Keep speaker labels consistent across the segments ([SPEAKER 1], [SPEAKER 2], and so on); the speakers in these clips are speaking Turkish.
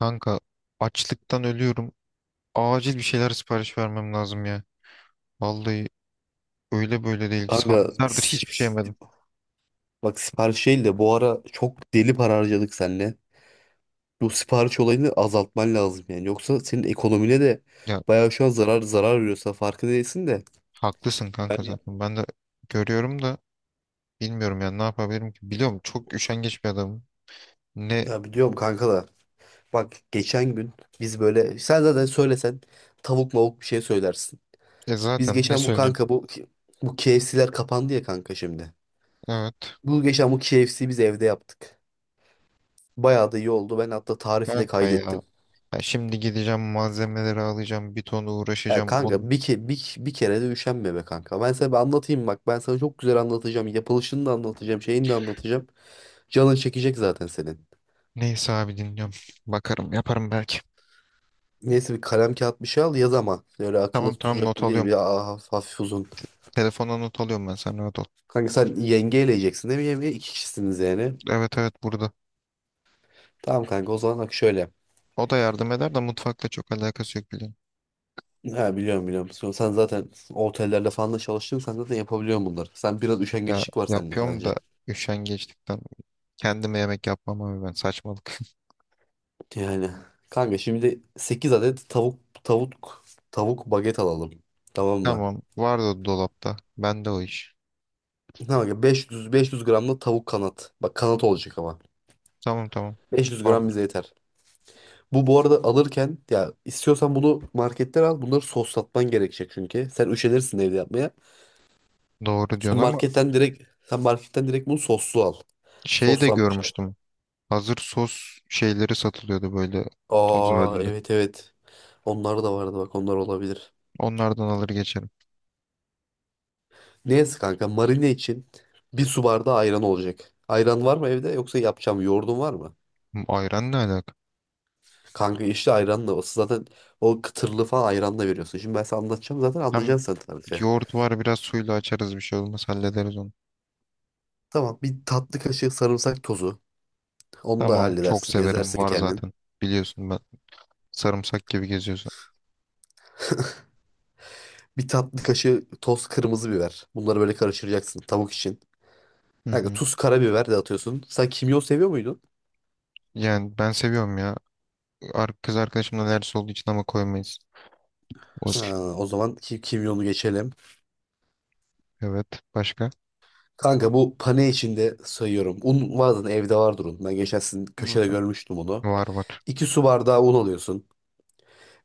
[SPEAKER 1] Kanka, açlıktan ölüyorum. Acil bir şeyler sipariş vermem lazım ya. Vallahi öyle böyle değil.
[SPEAKER 2] Kanka
[SPEAKER 1] Saatlerdir hiçbir şey yemedim.
[SPEAKER 2] bak sipariş değil de bu ara çok deli para harcadık seninle. Bu sipariş olayını azaltman lazım yani. Yoksa senin ekonomine de
[SPEAKER 1] Ya,
[SPEAKER 2] bayağı şu an zarar veriyorsa farkı değilsin de.
[SPEAKER 1] haklısın kanka
[SPEAKER 2] Yani
[SPEAKER 1] zaten. Ben de görüyorum da bilmiyorum ya ne yapabilirim ki. Biliyorum çok üşengeç bir adamım. Ne
[SPEAKER 2] ya biliyorum kanka da. Bak geçen gün biz böyle sen zaten söylesen tavuk mavuk bir şey söylersin.
[SPEAKER 1] e
[SPEAKER 2] Biz
[SPEAKER 1] zaten ne
[SPEAKER 2] geçen bu
[SPEAKER 1] söyleyeyim.
[SPEAKER 2] kanka bu bu KFC'ler kapandı ya kanka şimdi.
[SPEAKER 1] Evet.
[SPEAKER 2] Bu geçen bu KFC'yi biz evde yaptık. Bayağı da iyi oldu. Ben hatta tarifi de
[SPEAKER 1] Kanka
[SPEAKER 2] kaydettim.
[SPEAKER 1] ya. Ya şimdi gideceğim malzemeleri alacağım. Bir ton
[SPEAKER 2] Ya
[SPEAKER 1] uğraşacağım. Onu...
[SPEAKER 2] kanka bir kere de üşenme be kanka. Ben sana bir anlatayım bak. Ben sana çok güzel anlatacağım. Yapılışını da anlatacağım. Şeyini de anlatacağım. Canın çekecek zaten senin.
[SPEAKER 1] Neyse abi, dinliyorum. Bakarım, yaparım belki.
[SPEAKER 2] Neyse bir kalem kağıt bir şey al yaz ama. Öyle akıllı
[SPEAKER 1] Tamam, tamam,
[SPEAKER 2] tutacak
[SPEAKER 1] not
[SPEAKER 2] gibi değil.
[SPEAKER 1] alıyorum.
[SPEAKER 2] Bir hafif uzun.
[SPEAKER 1] Telefona not alıyorum, ben, sen rahat ol.
[SPEAKER 2] Kanka sen yenge eleyeceksin değil mi? Yenge iki kişisiniz yani.
[SPEAKER 1] Evet, evet, burada.
[SPEAKER 2] Tamam kanka o zaman bak şöyle.
[SPEAKER 1] O da yardım eder de mutfakla çok alakası yok, biliyorum.
[SPEAKER 2] Ha biliyorum biliyorum. Sen zaten otellerde falan da çalıştın. Sen zaten yapabiliyorsun bunları. Sen biraz
[SPEAKER 1] Ya
[SPEAKER 2] üşengeçlik var sende
[SPEAKER 1] yapıyorum da
[SPEAKER 2] sadece.
[SPEAKER 1] üşengeçlikten kendime yemek yapmam abi, ben saçmalık.
[SPEAKER 2] Yani kanka şimdi 8 adet tavuk baget alalım. Tamam mı?
[SPEAKER 1] Tamam, vardı dolapta. Bende o iş.
[SPEAKER 2] Tamam kanka, 500 gram da tavuk kanat. Bak kanat olacak ama.
[SPEAKER 1] Tamam, tamam.
[SPEAKER 2] 500
[SPEAKER 1] Var.
[SPEAKER 2] gram bize yeter. Bu arada alırken ya istiyorsan bunu marketten al. Bunları soslatman gerekecek çünkü. Sen üşenirsin evde yapmaya.
[SPEAKER 1] Doğru
[SPEAKER 2] Sen
[SPEAKER 1] diyorsun ama
[SPEAKER 2] marketten direkt sen marketten direkt bunu soslu al.
[SPEAKER 1] şeyi de
[SPEAKER 2] Soslanmış al.
[SPEAKER 1] görmüştüm. Hazır sos şeyleri satılıyordu böyle, toz
[SPEAKER 2] Aa
[SPEAKER 1] halinde.
[SPEAKER 2] evet evet. Onlar da vardı bak onlar olabilir.
[SPEAKER 1] Onlardan alır geçerim.
[SPEAKER 2] Neyse kanka marine için bir su bardağı ayran olacak. Ayran var mı evde, yoksa yapacağım, yoğurdun var mı?
[SPEAKER 1] Hmm, ayran ne alaka?
[SPEAKER 2] Kanka işte ayranla o zaten o kıtırlı falan ayranla veriyorsun. Şimdi ben sana anlatacağım zaten
[SPEAKER 1] Hem
[SPEAKER 2] anlayacaksın sen tarifi.
[SPEAKER 1] yoğurt var, biraz suyla açarız, bir şey olmaz, hallederiz onu.
[SPEAKER 2] Tamam bir tatlı kaşığı sarımsak tozu. Onu da
[SPEAKER 1] Tamam, çok
[SPEAKER 2] halledersin,
[SPEAKER 1] severim,
[SPEAKER 2] ezersin
[SPEAKER 1] var
[SPEAKER 2] kendin.
[SPEAKER 1] zaten. Biliyorsun ben sarımsak gibi geziyorsun.
[SPEAKER 2] Bir tatlı kaşığı toz kırmızı biber. Bunları böyle karıştıracaksın tavuk için.
[SPEAKER 1] Hı
[SPEAKER 2] Kanka
[SPEAKER 1] hı.
[SPEAKER 2] tuz karabiber de atıyorsun. Sen kimyon seviyor muydun?
[SPEAKER 1] Yani ben seviyorum ya. Kız arkadaşımla ders olduğu için ama koymayız. O,
[SPEAKER 2] Ha, o zaman ki kimyonu geçelim.
[SPEAKER 1] evet. Başka?
[SPEAKER 2] Kanka bu pane içinde sayıyorum. Un vardı evde, vardır un. Ben geçen sizin köşede görmüştüm onu.
[SPEAKER 1] Var, var.
[SPEAKER 2] İki su bardağı un alıyorsun.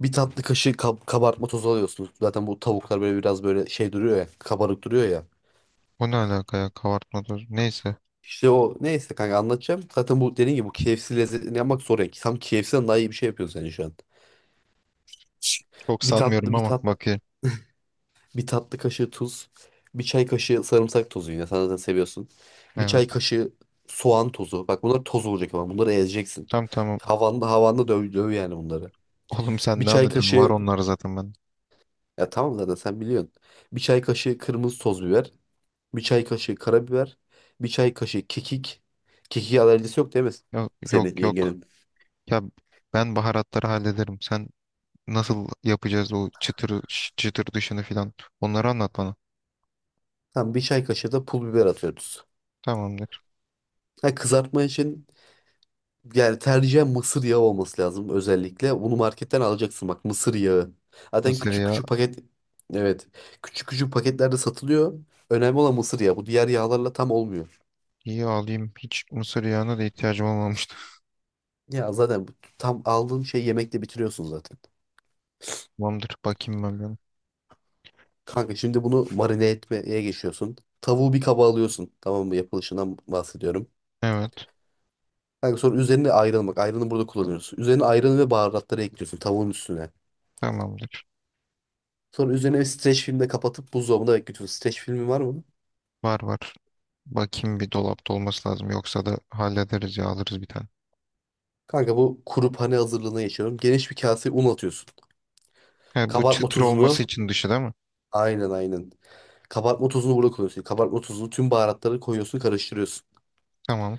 [SPEAKER 2] Bir tatlı kaşığı kabartma tozu alıyorsun. Zaten bu tavuklar böyle biraz böyle şey duruyor ya. Kabarık duruyor ya.
[SPEAKER 1] O ne alaka ya? Kabartma tozu. Neyse.
[SPEAKER 2] İşte o neyse kanka anlatacağım. Zaten bu dediğin gibi bu KFC lezzetini yapmak zor ya. Tam KFC'den daha iyi bir şey yapıyorsun sen şu an.
[SPEAKER 1] Çok
[SPEAKER 2] Bir
[SPEAKER 1] sanmıyorum
[SPEAKER 2] tatlı bir
[SPEAKER 1] ama
[SPEAKER 2] tat
[SPEAKER 1] bakayım.
[SPEAKER 2] Bir tatlı kaşığı tuz. Bir çay kaşığı sarımsak tozu yine. Sen zaten seviyorsun. Bir
[SPEAKER 1] Evet.
[SPEAKER 2] çay kaşığı soğan tozu. Bak bunlar toz olacak ama bunları ezeceksin.
[SPEAKER 1] Tamam, tamam.
[SPEAKER 2] Havanda döv yani bunları.
[SPEAKER 1] Oğlum sen
[SPEAKER 2] Bir
[SPEAKER 1] ne
[SPEAKER 2] çay
[SPEAKER 1] anlatıyorsun? Var
[SPEAKER 2] kaşığı
[SPEAKER 1] onlar zaten, ben.
[SPEAKER 2] ya tamam zaten sen biliyorsun. Bir çay kaşığı kırmızı toz biber. Bir çay kaşığı karabiber. Bir çay kaşığı kekik. Kekiğe alerjisi yok değil mi
[SPEAKER 1] Yok,
[SPEAKER 2] senin
[SPEAKER 1] yok, yok.
[SPEAKER 2] yengenin?
[SPEAKER 1] Ya ben baharatları hallederim. Sen nasıl yapacağız o çıtır çıtır dışını filan. Onları anlat bana.
[SPEAKER 2] Tamam bir çay kaşığı da pul biber atıyoruz.
[SPEAKER 1] Tamamdır.
[SPEAKER 2] Ha, kızartma için yani tercihen mısır yağı olması lazım özellikle. Bunu marketten alacaksın bak, mısır yağı. Zaten
[SPEAKER 1] Mısır
[SPEAKER 2] küçük
[SPEAKER 1] yağı.
[SPEAKER 2] küçük paket, evet, küçük küçük paketlerde satılıyor. Önemli olan mısır yağı. Bu diğer yağlarla tam olmuyor.
[SPEAKER 1] İyi, alayım. Hiç mısır yağına da ihtiyacım olmamıştı.
[SPEAKER 2] Ya zaten tam aldığın şeyi yemekle bitiriyorsun zaten.
[SPEAKER 1] Tamamdır. Bakayım ben bir ona.
[SPEAKER 2] Kanka şimdi bunu marine etmeye geçiyorsun. Tavuğu bir kaba alıyorsun. Tamam mı? Yapılışından bahsediyorum.
[SPEAKER 1] Evet.
[SPEAKER 2] Kanka sonra üzerine ayran bak. Ayranı burada kullanıyorsun. Üzerine ayranı ve baharatları ekliyorsun tavuğun üstüne.
[SPEAKER 1] Tamamdır.
[SPEAKER 2] Sonra üzerine bir streç filmle kapatıp buzdolabında bekletiyorsun. Streç filmi var mı?
[SPEAKER 1] Var, var. Bakayım, bir dolapta olması lazım. Yoksa da hallederiz ya, alırız bir tane.
[SPEAKER 2] Kanka bu kuru pane hazırlığına geçiyorum. Geniş bir kaseye un atıyorsun.
[SPEAKER 1] He, bu
[SPEAKER 2] Kabartma
[SPEAKER 1] çıtır olması
[SPEAKER 2] tozunu
[SPEAKER 1] için dışı değil mi?
[SPEAKER 2] aynen aynen. Kabartma tozunu burada koyuyorsun. Kabartma tozunu, tüm baharatları koyuyorsun, karıştırıyorsun.
[SPEAKER 1] Tamam.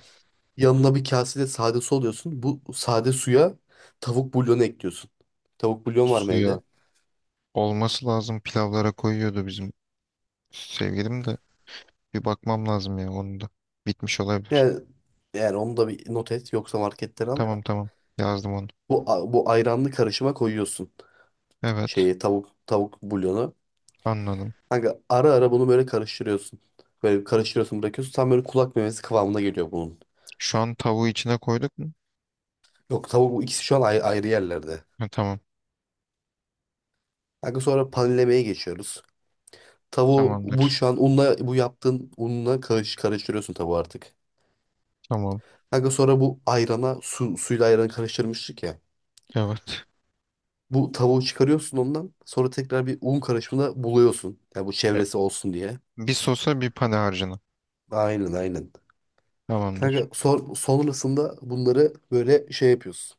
[SPEAKER 2] Yanına bir kasede sade su alıyorsun. Bu sade suya tavuk bulyonu ekliyorsun. Tavuk bulyon var mı
[SPEAKER 1] Suya,
[SPEAKER 2] evde?
[SPEAKER 1] olması lazım. Pilavlara koyuyordu bizim sevgilim de. Bir bakmam lazım ya onun da. Bitmiş olabilir.
[SPEAKER 2] Yani, yani onu da bir not et yoksa marketten al.
[SPEAKER 1] Tamam, tamam. Yazdım onu.
[SPEAKER 2] Bu, bu ayranlı karışıma koyuyorsun
[SPEAKER 1] Evet.
[SPEAKER 2] şeyi, tavuk bulyonu.
[SPEAKER 1] Anladım.
[SPEAKER 2] Kanka ara ara bunu böyle karıştırıyorsun. Böyle karıştırıyorsun, bırakıyorsun. Tam böyle kulak memesi kıvamına geliyor bunun.
[SPEAKER 1] Şu an tavuğu içine koyduk mu?
[SPEAKER 2] Yok, tavuk bu ikisi şu an ayrı yerlerde.
[SPEAKER 1] Ha, tamam.
[SPEAKER 2] Kanka sonra panlemeye geçiyoruz. Tavuğu bu
[SPEAKER 1] Tamamdır.
[SPEAKER 2] şu an unla, bu yaptığın unla karıştırıyorsun tavuğu artık.
[SPEAKER 1] Tamam.
[SPEAKER 2] Kanka sonra bu ayrana suyla ayranı karıştırmıştık ya.
[SPEAKER 1] Evet.
[SPEAKER 2] Bu tavuğu çıkarıyorsun ondan. Sonra tekrar bir un karışımına buluyorsun. Yani bu
[SPEAKER 1] E,
[SPEAKER 2] çevresi olsun diye.
[SPEAKER 1] bir sosa, bir pane harcına.
[SPEAKER 2] Aynen aynen.
[SPEAKER 1] Tamamdır.
[SPEAKER 2] Kanka sonrasında bunları böyle şey yapıyorsun.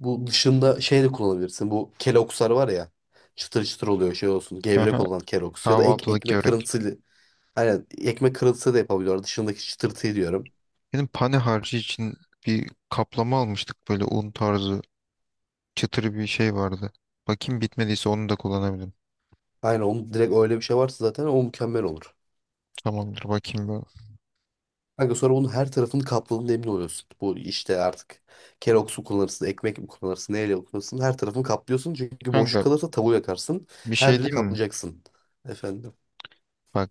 [SPEAKER 2] Bu dışında şey de kullanabilirsin. Bu kelokslar var ya. Çıtır çıtır oluyor şey olsun. Gevrek
[SPEAKER 1] Aha,
[SPEAKER 2] olan keloks. Ya da
[SPEAKER 1] kahvaltılık
[SPEAKER 2] ekmek
[SPEAKER 1] börek.
[SPEAKER 2] kırıntısı. Aynen ekmek kırıntısı da yapabiliyorlar. Dışındaki çıtırtıyı diyorum.
[SPEAKER 1] Benim pane harcı için bir kaplama almıştık, böyle un tarzı, çıtırı bir şey vardı. Bakayım, bitmediyse onu da kullanabilirim.
[SPEAKER 2] Aynen, onun direkt öyle bir şey varsa zaten o mükemmel olur.
[SPEAKER 1] Tamamdır, bakayım ben.
[SPEAKER 2] Kanka sonra bunun her tarafını kapladığında emin oluyorsun. Bu işte artık Kellogg's mu kullanırsın, ekmek mi kullanırsın, neyle kullanırsın her tarafını kaplıyorsun. Çünkü boşluk
[SPEAKER 1] Kanka,
[SPEAKER 2] kalırsa tavuğu yakarsın.
[SPEAKER 1] bir
[SPEAKER 2] Her
[SPEAKER 1] şey
[SPEAKER 2] yeri
[SPEAKER 1] diyeyim mi?
[SPEAKER 2] kaplayacaksın. Efendim.
[SPEAKER 1] Bak,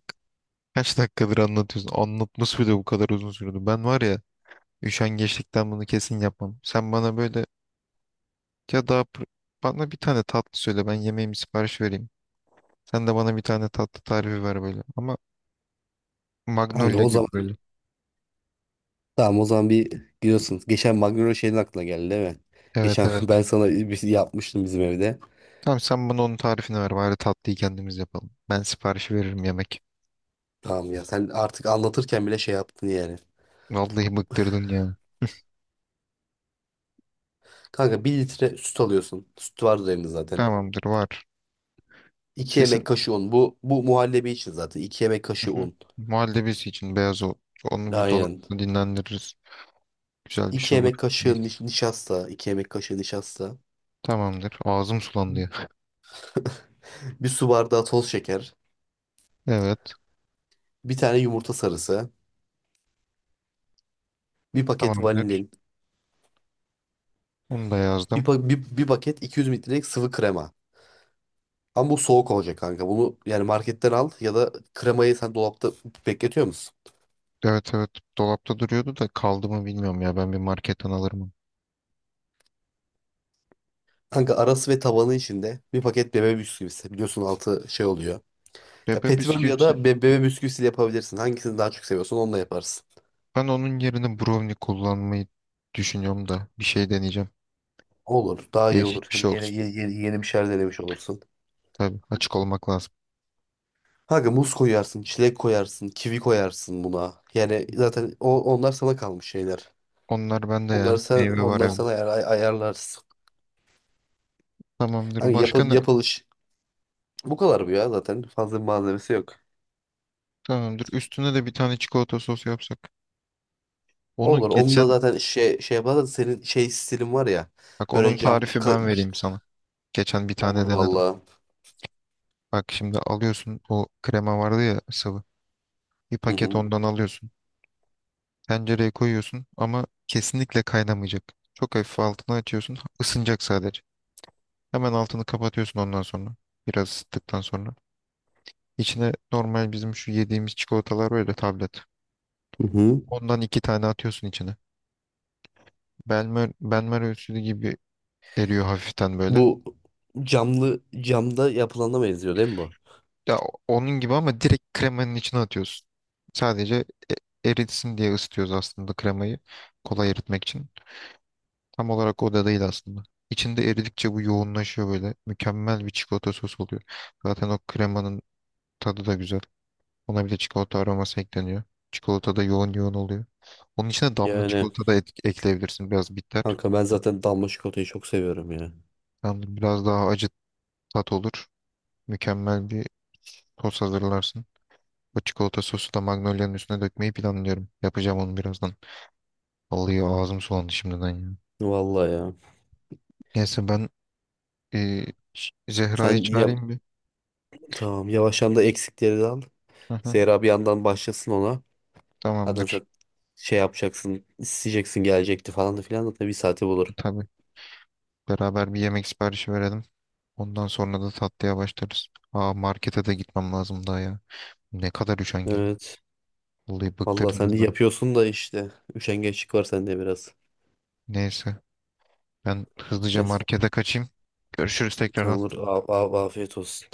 [SPEAKER 1] kaç dakikadır anlatıyorsun. Anlatması bile bu kadar uzun sürdü. Ben var ya, üşengeçlikten bunu kesin yapmam. Sen bana böyle ya, daha bana bir tane tatlı söyle, ben yemeğimi sipariş vereyim. Sen de bana bir tane tatlı tarifi ver böyle. Ama
[SPEAKER 2] Kanka
[SPEAKER 1] Magnolia
[SPEAKER 2] o
[SPEAKER 1] gibi
[SPEAKER 2] zaman
[SPEAKER 1] böyle.
[SPEAKER 2] tamam, o zaman bir gidiyorsun. Geçen Magnolia şeyin aklına geldi değil mi?
[SPEAKER 1] Evet,
[SPEAKER 2] Geçen
[SPEAKER 1] evet.
[SPEAKER 2] ben sana bir şey yapmıştım bizim evde.
[SPEAKER 1] Tamam, sen bana onun tarifini ver bari, tatlıyı kendimiz yapalım. Ben siparişi veririm, yemek.
[SPEAKER 2] Tamam ya, sen artık anlatırken bile şey yaptın yani.
[SPEAKER 1] Vallahi bıktırdın ya.
[SPEAKER 2] Kanka bir litre süt alıyorsun. Süt vardır evinde zaten.
[SPEAKER 1] Tamamdır, var.
[SPEAKER 2] 2 yemek
[SPEAKER 1] Kesin.
[SPEAKER 2] kaşığı un. Bu muhallebi için zaten. İki yemek kaşığı
[SPEAKER 1] Hı hı.
[SPEAKER 2] un.
[SPEAKER 1] Muhallebisi için beyaz o. Onu bir
[SPEAKER 2] Aynen.
[SPEAKER 1] dolapta dinlendiririz. Güzel bir
[SPEAKER 2] 2
[SPEAKER 1] şey olur.
[SPEAKER 2] yemek
[SPEAKER 1] Neyse.
[SPEAKER 2] kaşığı nişasta. İki yemek kaşığı nişasta.
[SPEAKER 1] Tamamdır. Ağzım sulandı ya.
[SPEAKER 2] Bir su bardağı toz şeker.
[SPEAKER 1] Evet.
[SPEAKER 2] Bir tane yumurta sarısı. Bir paket
[SPEAKER 1] Tamamdır.
[SPEAKER 2] vanilin.
[SPEAKER 1] Onu da
[SPEAKER 2] Bir,
[SPEAKER 1] yazdım.
[SPEAKER 2] pa- bir, bir paket 200 mililitrelik sıvı krema. Ama bu soğuk olacak kanka. Bunu yani marketten al ya da kremayı sen dolapta bekletiyor musun?
[SPEAKER 1] Evet, evet. Dolapta duruyordu da kaldı mı bilmiyorum ya. Ben bir marketten alırım.
[SPEAKER 2] Kanka arası ve tabanı içinde bir paket bebe bisküvisi. Biliyorsun altı şey oluyor. Ya
[SPEAKER 1] Bebe
[SPEAKER 2] petibörlü ya
[SPEAKER 1] bisküvisi.
[SPEAKER 2] da bebe bisküvisiyle yapabilirsin. Hangisini daha çok seviyorsan onunla yaparsın.
[SPEAKER 1] Ben onun yerine brownie kullanmayı düşünüyorum da. Bir şey deneyeceğim.
[SPEAKER 2] Olur. Daha iyi olur.
[SPEAKER 1] Değişik bir
[SPEAKER 2] Hem
[SPEAKER 1] şey olsun.
[SPEAKER 2] yeni bir şeyler denemiş olursun.
[SPEAKER 1] Tabii, açık olmak lazım.
[SPEAKER 2] Kanka muz koyarsın, çilek koyarsın, kivi koyarsın buna. Yani zaten onlar sana kalmış şeyler.
[SPEAKER 1] Onlar bende
[SPEAKER 2] Onları
[SPEAKER 1] ya.
[SPEAKER 2] sen
[SPEAKER 1] Meyve var
[SPEAKER 2] onları sen
[SPEAKER 1] evde.
[SPEAKER 2] ayar, ay- ayarlarsın.
[SPEAKER 1] Tamamdır.
[SPEAKER 2] Hani
[SPEAKER 1] Başka ne?
[SPEAKER 2] yapılış bu kadar bu ya zaten. Fazla bir malzemesi yok.
[SPEAKER 1] Tamamdır. Üstüne de bir tane çikolata sosu yapsak. Onu
[SPEAKER 2] Olur. Onu da
[SPEAKER 1] geçen,
[SPEAKER 2] zaten şey yapar da senin şey stilin var ya.
[SPEAKER 1] bak onun
[SPEAKER 2] Böyle
[SPEAKER 1] tarifi ben vereyim sana. Geçen bir
[SPEAKER 2] olur
[SPEAKER 1] tane denedim.
[SPEAKER 2] vallahi.
[SPEAKER 1] Bak, şimdi alıyorsun, o krema vardı ya, sıvı. Bir
[SPEAKER 2] Hı
[SPEAKER 1] paket
[SPEAKER 2] hı.
[SPEAKER 1] ondan alıyorsun. Tencereye koyuyorsun ama kesinlikle kaynamayacak. Çok hafif altını açıyorsun. Isınacak sadece. Hemen altını kapatıyorsun ondan sonra. Biraz ısıttıktan sonra. İçine normal bizim şu yediğimiz çikolatalar, böyle tablet.
[SPEAKER 2] Hı hı.
[SPEAKER 1] Ondan iki tane atıyorsun içine. Benmer ölçülü gibi eriyor hafiften böyle.
[SPEAKER 2] Bu camlı camda yapılana benziyor değil mi bu?
[SPEAKER 1] Ya onun gibi ama direkt kremanın içine atıyorsun. Sadece eritsin diye ısıtıyoruz aslında kremayı. Kolay eritmek için. Tam olarak o da değil aslında. İçinde eridikçe bu yoğunlaşıyor böyle. Mükemmel bir çikolata sosu oluyor. Zaten o kremanın tadı da güzel. Ona bir de çikolata aroması ekleniyor. Çikolata da yoğun yoğun oluyor. Onun içine damla
[SPEAKER 2] Yani
[SPEAKER 1] çikolata da ekleyebilirsin. Biraz bitter.
[SPEAKER 2] kanka ben zaten damla çikolatayı çok seviyorum ya.
[SPEAKER 1] Yani biraz daha acı tat olur. Mükemmel bir sos hazırlarsın. Bu çikolata sosu da Magnolia'nın üstüne dökmeyi planlıyorum. Yapacağım onu birazdan. Vallahi ağzım sulandı şimdiden ya.
[SPEAKER 2] Vallahi ya.
[SPEAKER 1] Neyse ben, e, Zehra'yı
[SPEAKER 2] Sen ya
[SPEAKER 1] çağırayım bir.
[SPEAKER 2] tamam, yavaştan da eksikleri de al.
[SPEAKER 1] Hı hı.
[SPEAKER 2] Zehra bir yandan başlasın ona. Zaten
[SPEAKER 1] Tamamdır.
[SPEAKER 2] sen şey yapacaksın, isteyeceksin, gelecekti falan da filan, zaten bir saati
[SPEAKER 1] E,
[SPEAKER 2] bulur.
[SPEAKER 1] tabii. Beraber bir yemek siparişi verelim. Ondan sonra da tatlıya başlarız. Aa, markete de gitmem lazım daha ya. Ne kadar üşengelim.
[SPEAKER 2] Evet.
[SPEAKER 1] Vallahi
[SPEAKER 2] Vallahi sen de
[SPEAKER 1] bıktırdınız beni.
[SPEAKER 2] yapıyorsun da işte. Üşengeçlik var sende biraz.
[SPEAKER 1] Neyse, ben hızlıca
[SPEAKER 2] Neyse.
[SPEAKER 1] markete kaçayım. Görüşürüz tekrardan.
[SPEAKER 2] Tamam, afiyet olsun.